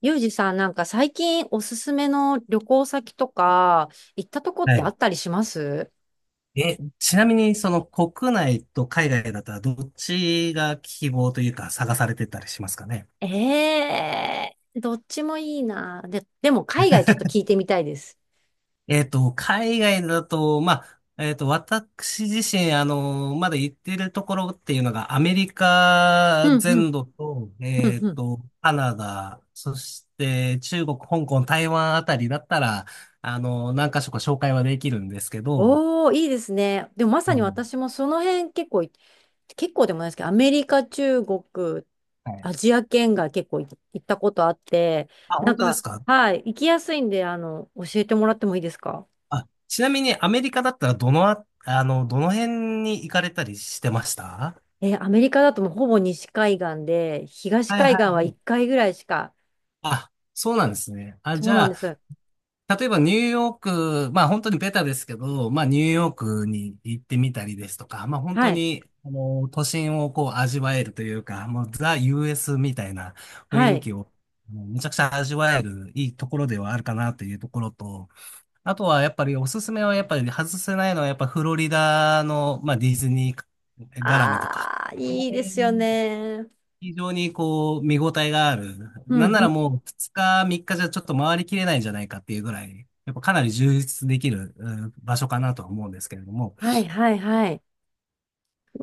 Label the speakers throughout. Speaker 1: ゆうじさん、なんか最近おすすめの旅行先とか、行ったとこっ
Speaker 2: は
Speaker 1: てあ
Speaker 2: い。
Speaker 1: ったりします？
Speaker 2: ちなみに、その国内と海外だったらどっちが希望というか探されてたりしますかね。
Speaker 1: ええー、どっちもいいな。で、でも海外ちょっ と聞いてみたいです。
Speaker 2: 海外だと、まあ、私自身、まだ行ってるところっていうのが、アメリカ
Speaker 1: うんう
Speaker 2: 全
Speaker 1: ん、
Speaker 2: 土と、
Speaker 1: うんうん。
Speaker 2: カナダ、そして中国、香港、台湾あたりだったら、何か所か紹介はできるんですけど、
Speaker 1: おー、いいですね。でもまさ
Speaker 2: う
Speaker 1: に
Speaker 2: ん、
Speaker 1: 私もその辺結構でもないですけど、アメリカ、中国、
Speaker 2: はい。
Speaker 1: アジア圏が結構い行ったことあって、
Speaker 2: あ、
Speaker 1: なん
Speaker 2: 本当で
Speaker 1: か、
Speaker 2: すか？
Speaker 1: はい、行きやすいんで、教えてもらってもいいですか？
Speaker 2: あ、ちなみにアメリカだったらどのあ、あの、どの辺に行かれたりしてました
Speaker 1: アメリカだともうほぼ西海岸で、東
Speaker 2: はい
Speaker 1: 海
Speaker 2: は
Speaker 1: 岸
Speaker 2: い
Speaker 1: は
Speaker 2: は
Speaker 1: 1
Speaker 2: い。
Speaker 1: 回ぐらいしか。
Speaker 2: あ、そうなんですね。あ、
Speaker 1: そ
Speaker 2: じ
Speaker 1: うなんで
Speaker 2: ゃ
Speaker 1: す。
Speaker 2: あ、例えばニューヨーク、まあ本当にベタですけど、まあニューヨークに行ってみたりですとか、まあ本
Speaker 1: は
Speaker 2: 当
Speaker 1: い。
Speaker 2: に、都心をこう味わえるというか、もうザ・ US みたいな
Speaker 1: は
Speaker 2: 雰囲
Speaker 1: い。
Speaker 2: 気を、もうめちゃくちゃ味わえるいいところではあるかなというところと、あとはやっぱりおすすめはやっぱり外せないのはやっぱフロリダの、まあ、ディズニー絡みとか。
Speaker 1: ああ、
Speaker 2: この
Speaker 1: いいで
Speaker 2: 辺
Speaker 1: すよね。
Speaker 2: 非常にこう見応えがある。
Speaker 1: う
Speaker 2: なん
Speaker 1: ん
Speaker 2: な
Speaker 1: う
Speaker 2: ら
Speaker 1: ん。
Speaker 2: もう2日3日じゃちょっと回りきれないんじゃないかっていうぐらい、やっぱかなり充実できる場所かなとは思うんですけれども。
Speaker 1: はいはいはい。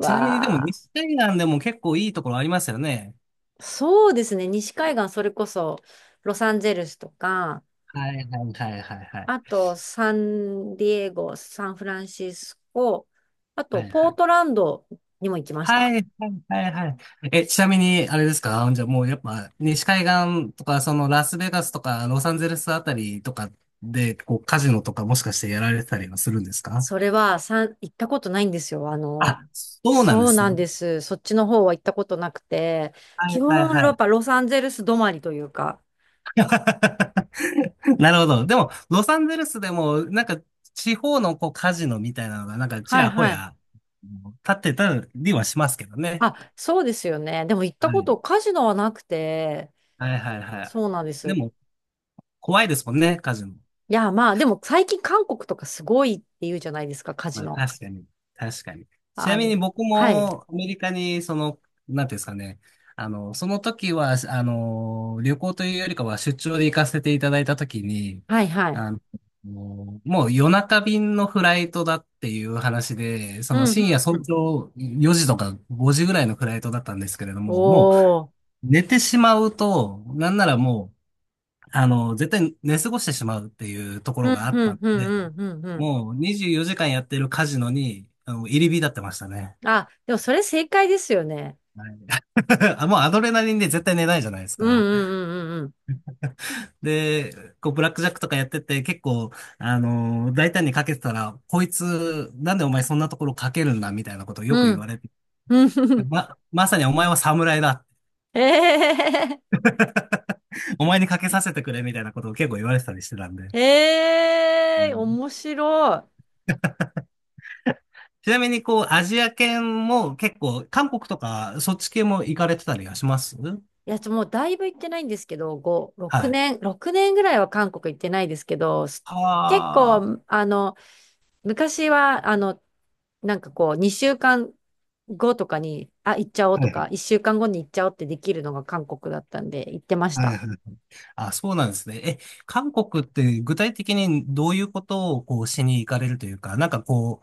Speaker 2: ちなみにでも
Speaker 1: あ、
Speaker 2: 西海岸でも結構いいところありますよね。
Speaker 1: そうですね。西海岸、それこそ、ロサンゼルスとか、
Speaker 2: はいはいはいはいはい。
Speaker 1: あと、サンディエゴ、サンフランシスコ、あと、
Speaker 2: はい
Speaker 1: ポ
Speaker 2: は
Speaker 1: ー
Speaker 2: い
Speaker 1: トランドにも行きました。
Speaker 2: はい、はい、はい、はい。ちなみに、あれですか？じゃあもうやっぱね、西海岸とか、そのラスベガスとか、ロサンゼルスあたりとかで、こう、カジノとかもしかしてやられてたりはするんですか？
Speaker 1: それは、行ったことないんですよ。
Speaker 2: あ、そうなんで
Speaker 1: そう
Speaker 2: す
Speaker 1: なん
Speaker 2: ね。
Speaker 1: です。そっちの方は行ったことなくて、
Speaker 2: は
Speaker 1: 基
Speaker 2: い、はい、
Speaker 1: 本、
Speaker 2: は
Speaker 1: やっ
Speaker 2: い。
Speaker 1: ぱロサンゼルス止まりというか。
Speaker 2: なるほど。でも、ロサンゼルスでも、なんか、地方のこう、カジノみたいなのが、なんか、ち
Speaker 1: はい
Speaker 2: らほ
Speaker 1: はい。
Speaker 2: や、立ってたりはしますけどね。
Speaker 1: あ、そうですよね。でも行った
Speaker 2: は
Speaker 1: こ
Speaker 2: い、
Speaker 1: と、カジノはなくて、
Speaker 2: はい、はい、は
Speaker 1: そうなんで
Speaker 2: い。で
Speaker 1: す。
Speaker 2: も、怖いですもんね、カジノ。
Speaker 1: いや、まあ、でも最近韓国とかすごいって言うじゃないですか、カ
Speaker 2: ま
Speaker 1: ジ
Speaker 2: あ、
Speaker 1: ノ。
Speaker 2: 確かに。確かに。ちな
Speaker 1: あ
Speaker 2: み
Speaker 1: の、
Speaker 2: に僕
Speaker 1: はい。
Speaker 2: もアメリカに、なんていうんですかね。その時は、旅行というよりかは出張で行かせていただいた時に、
Speaker 1: はいはい。
Speaker 2: あの、もう夜中便のフライトだっていう話で、そ
Speaker 1: う
Speaker 2: の
Speaker 1: んうん
Speaker 2: 深夜
Speaker 1: う
Speaker 2: 早
Speaker 1: ん。
Speaker 2: 朝4時とか5時ぐらいのフライトだったんですけれども、もう
Speaker 1: おー。
Speaker 2: 寝てしまうと、なんならもう、絶対寝過ごしてしまうっていうとこ
Speaker 1: う
Speaker 2: ろが
Speaker 1: ん
Speaker 2: あっ
Speaker 1: う
Speaker 2: た
Speaker 1: ん
Speaker 2: ん
Speaker 1: うん
Speaker 2: で、
Speaker 1: うんうんうん。
Speaker 2: もう24時間やってるカジノに、入り浸ってましたね。
Speaker 1: あ、でもそれ正解ですよね。
Speaker 2: はい。 あもうアドレナリンで絶対寝ないじゃないです
Speaker 1: うんう
Speaker 2: か。
Speaker 1: んうんうん
Speaker 2: で、こう、ブラックジャックとかやってて、結構、大胆にかけてたら、こいつ、なんでお前そんなところかけるんだみたいなことをよく
Speaker 1: う
Speaker 2: 言
Speaker 1: ん。
Speaker 2: われて、
Speaker 1: うん うん。
Speaker 2: まさにお前は侍だ。
Speaker 1: ええ
Speaker 2: お前にかけさせてくれみたいなことを結構言われてたりしてたんで。はい。
Speaker 1: ええ、面白い。
Speaker 2: ちなみに、こう、アジア圏も結構、韓国とか、そっち系も行かれてたりはしますはい。
Speaker 1: いや、もうだいぶ行ってないんですけど、5、6
Speaker 2: は
Speaker 1: 年、6年ぐらいは韓国行ってないですけど、結
Speaker 2: あ。
Speaker 1: 構、昔は、なんかこう、2週間後とかに、あ、行っちゃおう
Speaker 2: は
Speaker 1: と
Speaker 2: い
Speaker 1: か、1週間後に行っちゃおうってできるのが韓国だったんで、行ってまし
Speaker 2: はい
Speaker 1: た。
Speaker 2: はい。あ、そうなんですね。韓国って具体的にどういうことをこうしに行かれるというか、なんかこ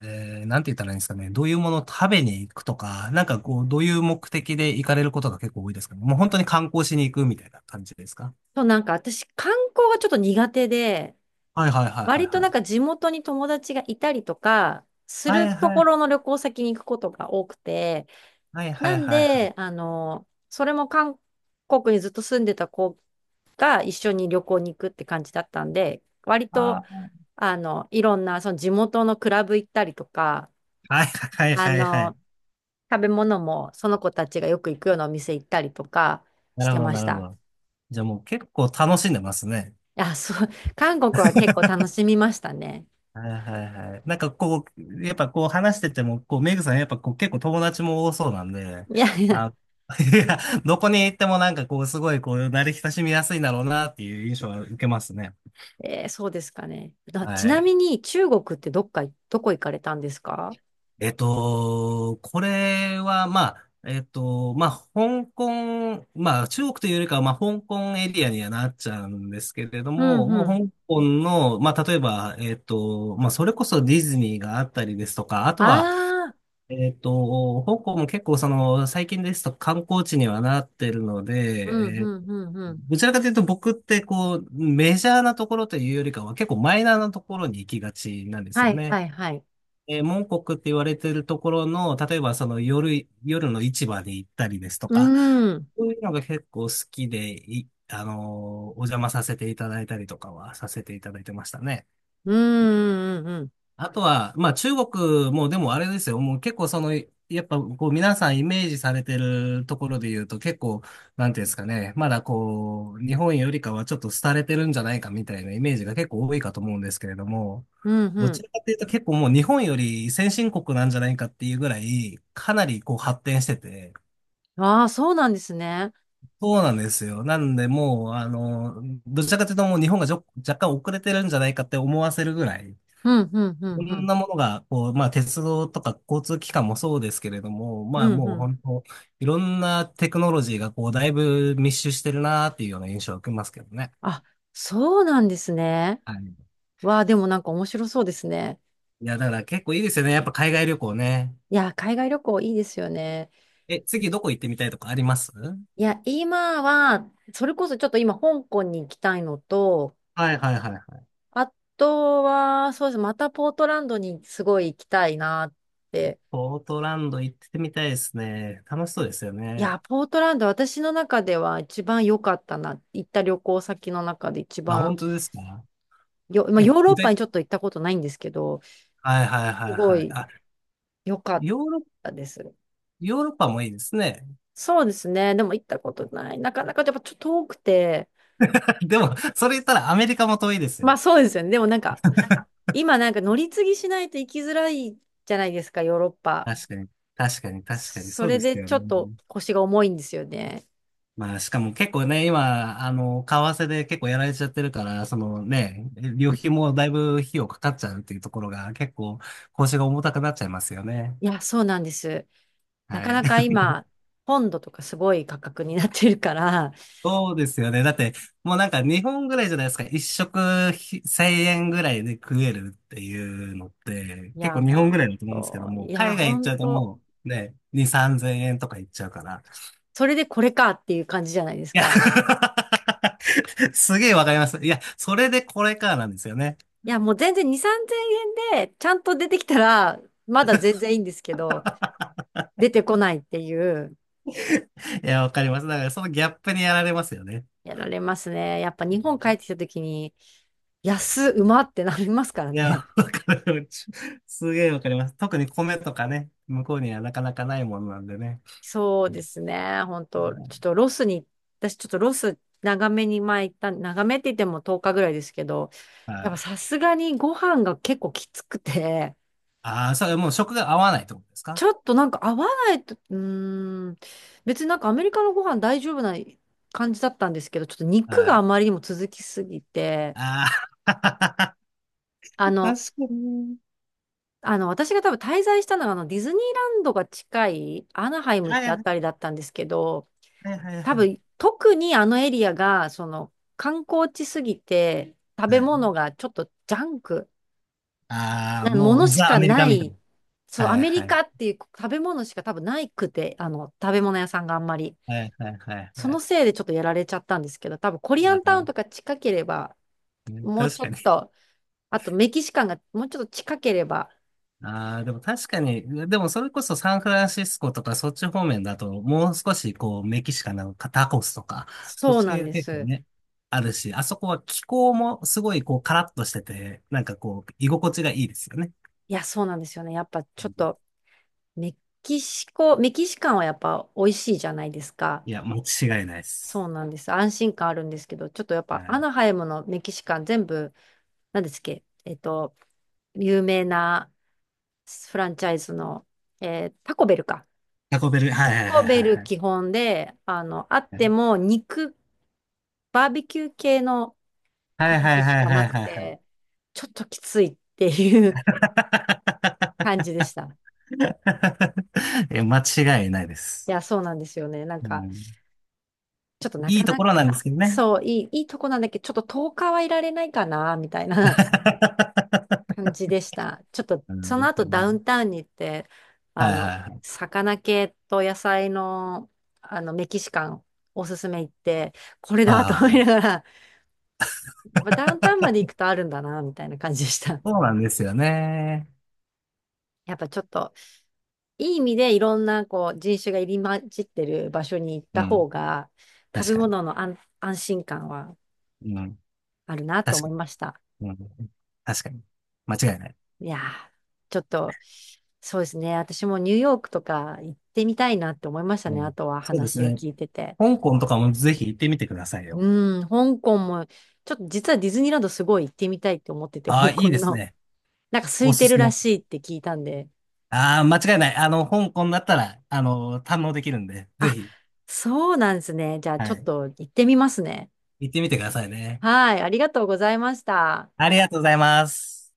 Speaker 2: う、なんて言ったらいいんですかね。どういうものを食べに行くとか、なんかこう、どういう目的で行かれることが結構多いですかね。もう本当に観光しに行くみたいな感じですか？
Speaker 1: そう、なんか私、観光がちょっと苦手で、
Speaker 2: はいはいはいはい
Speaker 1: 割と
Speaker 2: は
Speaker 1: なん
Speaker 2: い。
Speaker 1: か地元に友達がいたりとか、す
Speaker 2: は
Speaker 1: る
Speaker 2: い
Speaker 1: と
Speaker 2: は
Speaker 1: こ
Speaker 2: い。
Speaker 1: ろの旅行先に行くことが多くて、
Speaker 2: はいは
Speaker 1: な
Speaker 2: い
Speaker 1: ん
Speaker 2: はいはい。
Speaker 1: で、それも韓国にずっと住んでた子が一緒に旅行に行くって感じだったんで、割と、
Speaker 2: あー、
Speaker 1: いろんなその地元のクラブ行ったりとか、
Speaker 2: はいはい
Speaker 1: あ
Speaker 2: はいはいは
Speaker 1: の、
Speaker 2: い。
Speaker 1: 食べ物もその子たちがよく行くようなお店行ったりとか
Speaker 2: な
Speaker 1: し
Speaker 2: る
Speaker 1: て
Speaker 2: ほど
Speaker 1: ま
Speaker 2: な
Speaker 1: し
Speaker 2: るほ
Speaker 1: た。
Speaker 2: ど。じゃあもう結構楽しんでますね。
Speaker 1: いや、そう、韓国は結構楽しみましたね。
Speaker 2: はいはいはい。なんかこう、やっぱこう話してても、こう、メグさんやっぱこう結構友達も多そうなんで、
Speaker 1: いやいや。
Speaker 2: あ、いや、どこに行ってもなんかこう、すごいこう、慣れ親しみやすいんだろうなっていう印象は受けますね。
Speaker 1: そうですかね。ち
Speaker 2: は
Speaker 1: な
Speaker 2: い。
Speaker 1: みに中国ってどこ行かれたんですか？
Speaker 2: これは、まあ、まあ、香港、まあ、中国というよりかは、まあ、香港エリアにはなっちゃうんですけれど
Speaker 1: う
Speaker 2: も、
Speaker 1: ん
Speaker 2: も
Speaker 1: う
Speaker 2: う
Speaker 1: ん。
Speaker 2: 香港の、まあ、例えば、まあ、それこそディズニーがあったりですとか、あとは、
Speaker 1: ああ、
Speaker 2: 香港も結構その、最近ですと観光地にはなってるの
Speaker 1: うんう
Speaker 2: で、
Speaker 1: んうんうん。
Speaker 2: どちらかというと僕ってこう、メジャーなところというよりかは結構マイナーなところに行きがちなんです
Speaker 1: は
Speaker 2: よ
Speaker 1: い
Speaker 2: ね。
Speaker 1: はいはい。
Speaker 2: モンコクって言われてるところの、例えばその夜の市場に行ったりですと
Speaker 1: う
Speaker 2: か、
Speaker 1: ーん、
Speaker 2: そういうのが結構好きで、い、あのーお邪魔させていただいたりとかはさせていただいてましたね。
Speaker 1: うーん、うんうん、
Speaker 2: あとは、まあ中国もでもあれですよ。もう結構その、やっぱこう皆さんイメージされてるところで言うと結構、なんていうんですかね。まだこう、日本よりかはちょっと廃れてるんじゃないかみたいなイメージが結構多いかと思うんですけれども、
Speaker 1: うんう
Speaker 2: どち
Speaker 1: ん。
Speaker 2: らかというと結構もう日本より先進国なんじゃないかっていうぐらい、かなりこう発展してて、
Speaker 1: ああ、そうなんですね。
Speaker 2: そうなんですよ。なんでもう、どちらかというともう日本が若干遅れてるんじゃないかって思わせるぐらい、
Speaker 1: うんうんう
Speaker 2: い
Speaker 1: んう
Speaker 2: ろん
Speaker 1: ん、
Speaker 2: なものが、こう、まあ、鉄道とか交通機関もそうですけれども、
Speaker 1: う
Speaker 2: まあ、
Speaker 1: ん
Speaker 2: も
Speaker 1: う
Speaker 2: う
Speaker 1: ん。
Speaker 2: 本当、いろんなテクノロジーが、こう、だいぶ密集してるなーっていうような印象を受けますけどね。
Speaker 1: あ、そうなんですね。
Speaker 2: はい。
Speaker 1: わあ、でもなんか面白そうですね。
Speaker 2: いや、だから結構いいですよね。やっぱ海外旅行ね。
Speaker 1: いや、海外旅行いいですよね。
Speaker 2: 次どこ行ってみたいとかありますは
Speaker 1: いや、今は、それこそちょっと今香港に行きたいのと、
Speaker 2: いはいはいはい。
Speaker 1: あとは、そうです。またポートランドにすごい行きたいなって。
Speaker 2: ポートランド行ってみたいですね。楽しそうですよ
Speaker 1: いや、
Speaker 2: ね。
Speaker 1: ポートランド、私の中では一番良かったな。行った旅行先の中で一
Speaker 2: あ、本
Speaker 1: 番
Speaker 2: 当ですか？
Speaker 1: よ、まあ、ヨーロッ
Speaker 2: 具
Speaker 1: パ
Speaker 2: 体、
Speaker 1: にちょっと行ったことないんですけど、
Speaker 2: はいはいは
Speaker 1: す
Speaker 2: い
Speaker 1: ご
Speaker 2: はい。
Speaker 1: い
Speaker 2: あ、
Speaker 1: 良かっ
Speaker 2: ヨーロ、
Speaker 1: たです。
Speaker 2: ヨーロッパもいいですね。
Speaker 1: そうですね。でも行ったことない。なかなかやっぱちょっと遠くて。
Speaker 2: でも、それ言ったらアメリカも遠いです
Speaker 1: まあ
Speaker 2: よ。
Speaker 1: そうですよね。でもなんか、今なんか乗り継ぎしないと行きづらいじゃないですか、ヨーロッパ。
Speaker 2: 確かに、確かに、確かに、
Speaker 1: そ
Speaker 2: そう
Speaker 1: れ
Speaker 2: です
Speaker 1: で
Speaker 2: よ
Speaker 1: ちょっと
Speaker 2: ね。
Speaker 1: 腰が重いんですよね。
Speaker 2: まあ、しかも結構ね、今、為替で結構やられちゃってるから、そのね、旅費もだいぶ費用かかっちゃうっていうところが、結構、腰が重たくなっちゃいますよね。
Speaker 1: いや、そうなんです。な
Speaker 2: は
Speaker 1: か
Speaker 2: い。
Speaker 1: なか 今、ポンドとかすごい価格になってるから、
Speaker 2: そうですよね。だって、もうなんか日本ぐらいじゃないですか。一食1000円ぐらいで食えるっていうのって、
Speaker 1: い
Speaker 2: 結
Speaker 1: や、
Speaker 2: 構日
Speaker 1: ほ
Speaker 2: 本ぐ
Speaker 1: ん
Speaker 2: らいだと思うんですけど
Speaker 1: と、
Speaker 2: も、
Speaker 1: いや、
Speaker 2: 海外
Speaker 1: ほ
Speaker 2: 行っち
Speaker 1: ん
Speaker 2: ゃうと
Speaker 1: と、
Speaker 2: もうね、2、3000円とか行っちゃうから。
Speaker 1: それでこれかっていう感じじゃないです
Speaker 2: いや
Speaker 1: か。
Speaker 2: すげえわかります。いや、それでこれかなんですよね。
Speaker 1: いや、もう全然2、3000円でちゃんと出てきたら、まだ全然いいんですけど、出てこないっていう、
Speaker 2: いや、わかります。だからそのギャップにやられますよね。
Speaker 1: やられますね。やっぱ
Speaker 2: う
Speaker 1: 日本帰っ
Speaker 2: ん。
Speaker 1: てきた時に、うまってなりますから
Speaker 2: いや、
Speaker 1: ね。
Speaker 2: わかる。すげえわかります。特に米とかね、向こうにはなかなかないものなんでね。
Speaker 1: そう
Speaker 2: う
Speaker 1: ですね。本当ちょっ
Speaker 2: ん。
Speaker 1: とロスに、私ちょっとロス長めに前行った、長めって言っても10日ぐらいですけど、
Speaker 2: は
Speaker 1: やっぱ
Speaker 2: い。
Speaker 1: さすがにご飯が結構きつくて、
Speaker 2: ああ、それもう食が合わないってことです
Speaker 1: ち
Speaker 2: か？
Speaker 1: ょっとなんか合わないと、うーん、別になんかアメリカのご飯大丈夫な感じだったんですけど、ちょっと肉が
Speaker 2: は
Speaker 1: あ
Speaker 2: い。
Speaker 1: まりにも続きすぎて、
Speaker 2: ああ、
Speaker 1: あの、
Speaker 2: 確かに。
Speaker 1: あの、私が多分滞在したのがあのディズニーランドが近いアナハイムっ
Speaker 2: はい
Speaker 1: てあ
Speaker 2: は
Speaker 1: た
Speaker 2: い
Speaker 1: りだったんですけど、
Speaker 2: はいはい
Speaker 1: 多
Speaker 2: はい。
Speaker 1: 分、特にあのエリアが、その、観光地すぎて、食
Speaker 2: は
Speaker 1: べ
Speaker 2: い、
Speaker 1: 物がちょっとジャンク
Speaker 2: ああ、
Speaker 1: なも
Speaker 2: も
Speaker 1: の
Speaker 2: う
Speaker 1: し
Speaker 2: ザ・ア
Speaker 1: か
Speaker 2: メリカ
Speaker 1: な
Speaker 2: みたいな。
Speaker 1: い、そう、
Speaker 2: は
Speaker 1: ア
Speaker 2: い
Speaker 1: メ
Speaker 2: は
Speaker 1: リ
Speaker 2: い。
Speaker 1: カっていう食べ物しか多分ないくて、食べ物屋さんがあんまり。
Speaker 2: はいはいはい
Speaker 1: そ
Speaker 2: は
Speaker 1: の
Speaker 2: い。
Speaker 1: せいでちょっとやられちゃったんですけど、多分コリア
Speaker 2: あ
Speaker 1: ンタウン
Speaker 2: あ、
Speaker 1: とか近ければ、
Speaker 2: ね
Speaker 1: もう
Speaker 2: 確
Speaker 1: ちょ
Speaker 2: か
Speaker 1: っ
Speaker 2: に。
Speaker 1: と、あとメキシカンがもうちょっと近ければ、
Speaker 2: ああ、でも確かに、でもそれこそサンフランシスコとかそっち方面だと、もう少しこうメキシカンなタコスとか、そっ
Speaker 1: そう
Speaker 2: ち
Speaker 1: なん
Speaker 2: 系が
Speaker 1: で
Speaker 2: 結構
Speaker 1: す。
Speaker 2: ね、あるし、あそこは気候もすごいこうカラッとしてて、なんかこう居心地がいいですよね。
Speaker 1: いや、そうなんですよね。やっぱちょ
Speaker 2: う
Speaker 1: っ
Speaker 2: ん。
Speaker 1: と、メメキシカンはやっぱ美味しいじゃないですか。
Speaker 2: いや、間違いないで
Speaker 1: そ
Speaker 2: す。
Speaker 1: うなんです。安心感あるんですけど、ちょっとやっ
Speaker 2: は
Speaker 1: ぱア
Speaker 2: い。
Speaker 1: ナハイムのメキシカン全部、何ですっけ、有名なフランチャイズの、タコベルか。
Speaker 2: タコベル、はいはい
Speaker 1: タ
Speaker 2: は
Speaker 1: コ
Speaker 2: いは
Speaker 1: ベ
Speaker 2: い
Speaker 1: ル
Speaker 2: はい。
Speaker 1: 基本で、あっても肉、バーベキュー系の
Speaker 2: は
Speaker 1: タ
Speaker 2: い
Speaker 1: コ
Speaker 2: は
Speaker 1: ス
Speaker 2: い
Speaker 1: し
Speaker 2: はい
Speaker 1: か
Speaker 2: は
Speaker 1: な
Speaker 2: い
Speaker 1: く
Speaker 2: はいは
Speaker 1: て、ちょっときついっていう 感じでした。
Speaker 2: い。いや、間違いないで
Speaker 1: い
Speaker 2: す。
Speaker 1: や、そうなんですよね。なん
Speaker 2: う
Speaker 1: か、
Speaker 2: ん、
Speaker 1: ちょっとな
Speaker 2: い
Speaker 1: か
Speaker 2: いと
Speaker 1: な
Speaker 2: ころなんで
Speaker 1: か、
Speaker 2: すけどね。
Speaker 1: そう、いいとこなんだけど、ちょっと10日はいられないかな、みたいな。感じでした。ちょっと、
Speaker 2: うん、
Speaker 1: そ
Speaker 2: で
Speaker 1: の
Speaker 2: す
Speaker 1: 後
Speaker 2: よ
Speaker 1: ダ
Speaker 2: ね。
Speaker 1: ウンタウンに行って、あ
Speaker 2: はいは
Speaker 1: の、
Speaker 2: いはい。
Speaker 1: 魚系と野菜の、メキシカンおすすめ行って、これ
Speaker 2: はい
Speaker 1: だと思い
Speaker 2: は
Speaker 1: な
Speaker 2: い。
Speaker 1: がら、まあダウンタウンまで行くとあるんだな、みたいな感じでした。
Speaker 2: そうなんですよね。
Speaker 1: やっぱちょっと、いい意味でいろんなこう人種が入り混じってる場所に行っ
Speaker 2: う
Speaker 1: た方
Speaker 2: ん。
Speaker 1: が、食
Speaker 2: 確
Speaker 1: べ
Speaker 2: か
Speaker 1: 物の安心感は
Speaker 2: に。うん。
Speaker 1: あるなと
Speaker 2: 確か
Speaker 1: 思いました。
Speaker 2: に。うん。確かに。間違いない。
Speaker 1: いやー、ちょっと、そうですね。私もニューヨークとか行ってみたいなって思いました
Speaker 2: う
Speaker 1: ね。
Speaker 2: ん。
Speaker 1: あとは
Speaker 2: そうです
Speaker 1: 話を
Speaker 2: ね。
Speaker 1: 聞いてて。
Speaker 2: 香港とかもぜひ行ってみてくださいよ。
Speaker 1: うん、香港も、ちょっと実はディズニーランドすごい行ってみたいって思ってて、
Speaker 2: ああ、
Speaker 1: 香
Speaker 2: い
Speaker 1: 港
Speaker 2: いです
Speaker 1: の。
Speaker 2: ね。
Speaker 1: なんか空
Speaker 2: お
Speaker 1: い
Speaker 2: す
Speaker 1: てる
Speaker 2: す
Speaker 1: ら
Speaker 2: め。
Speaker 1: しいって聞いたんで。
Speaker 2: ああ、間違いない。香港だったら、堪能できるんで、ぜ
Speaker 1: あ、
Speaker 2: ひ、
Speaker 1: そうなんですね。じゃあ
Speaker 2: は
Speaker 1: ちょっ
Speaker 2: い。
Speaker 1: と行ってみますね。
Speaker 2: 行ってみてくださいね。
Speaker 1: はい、ありがとうございました。
Speaker 2: ありがとうございます。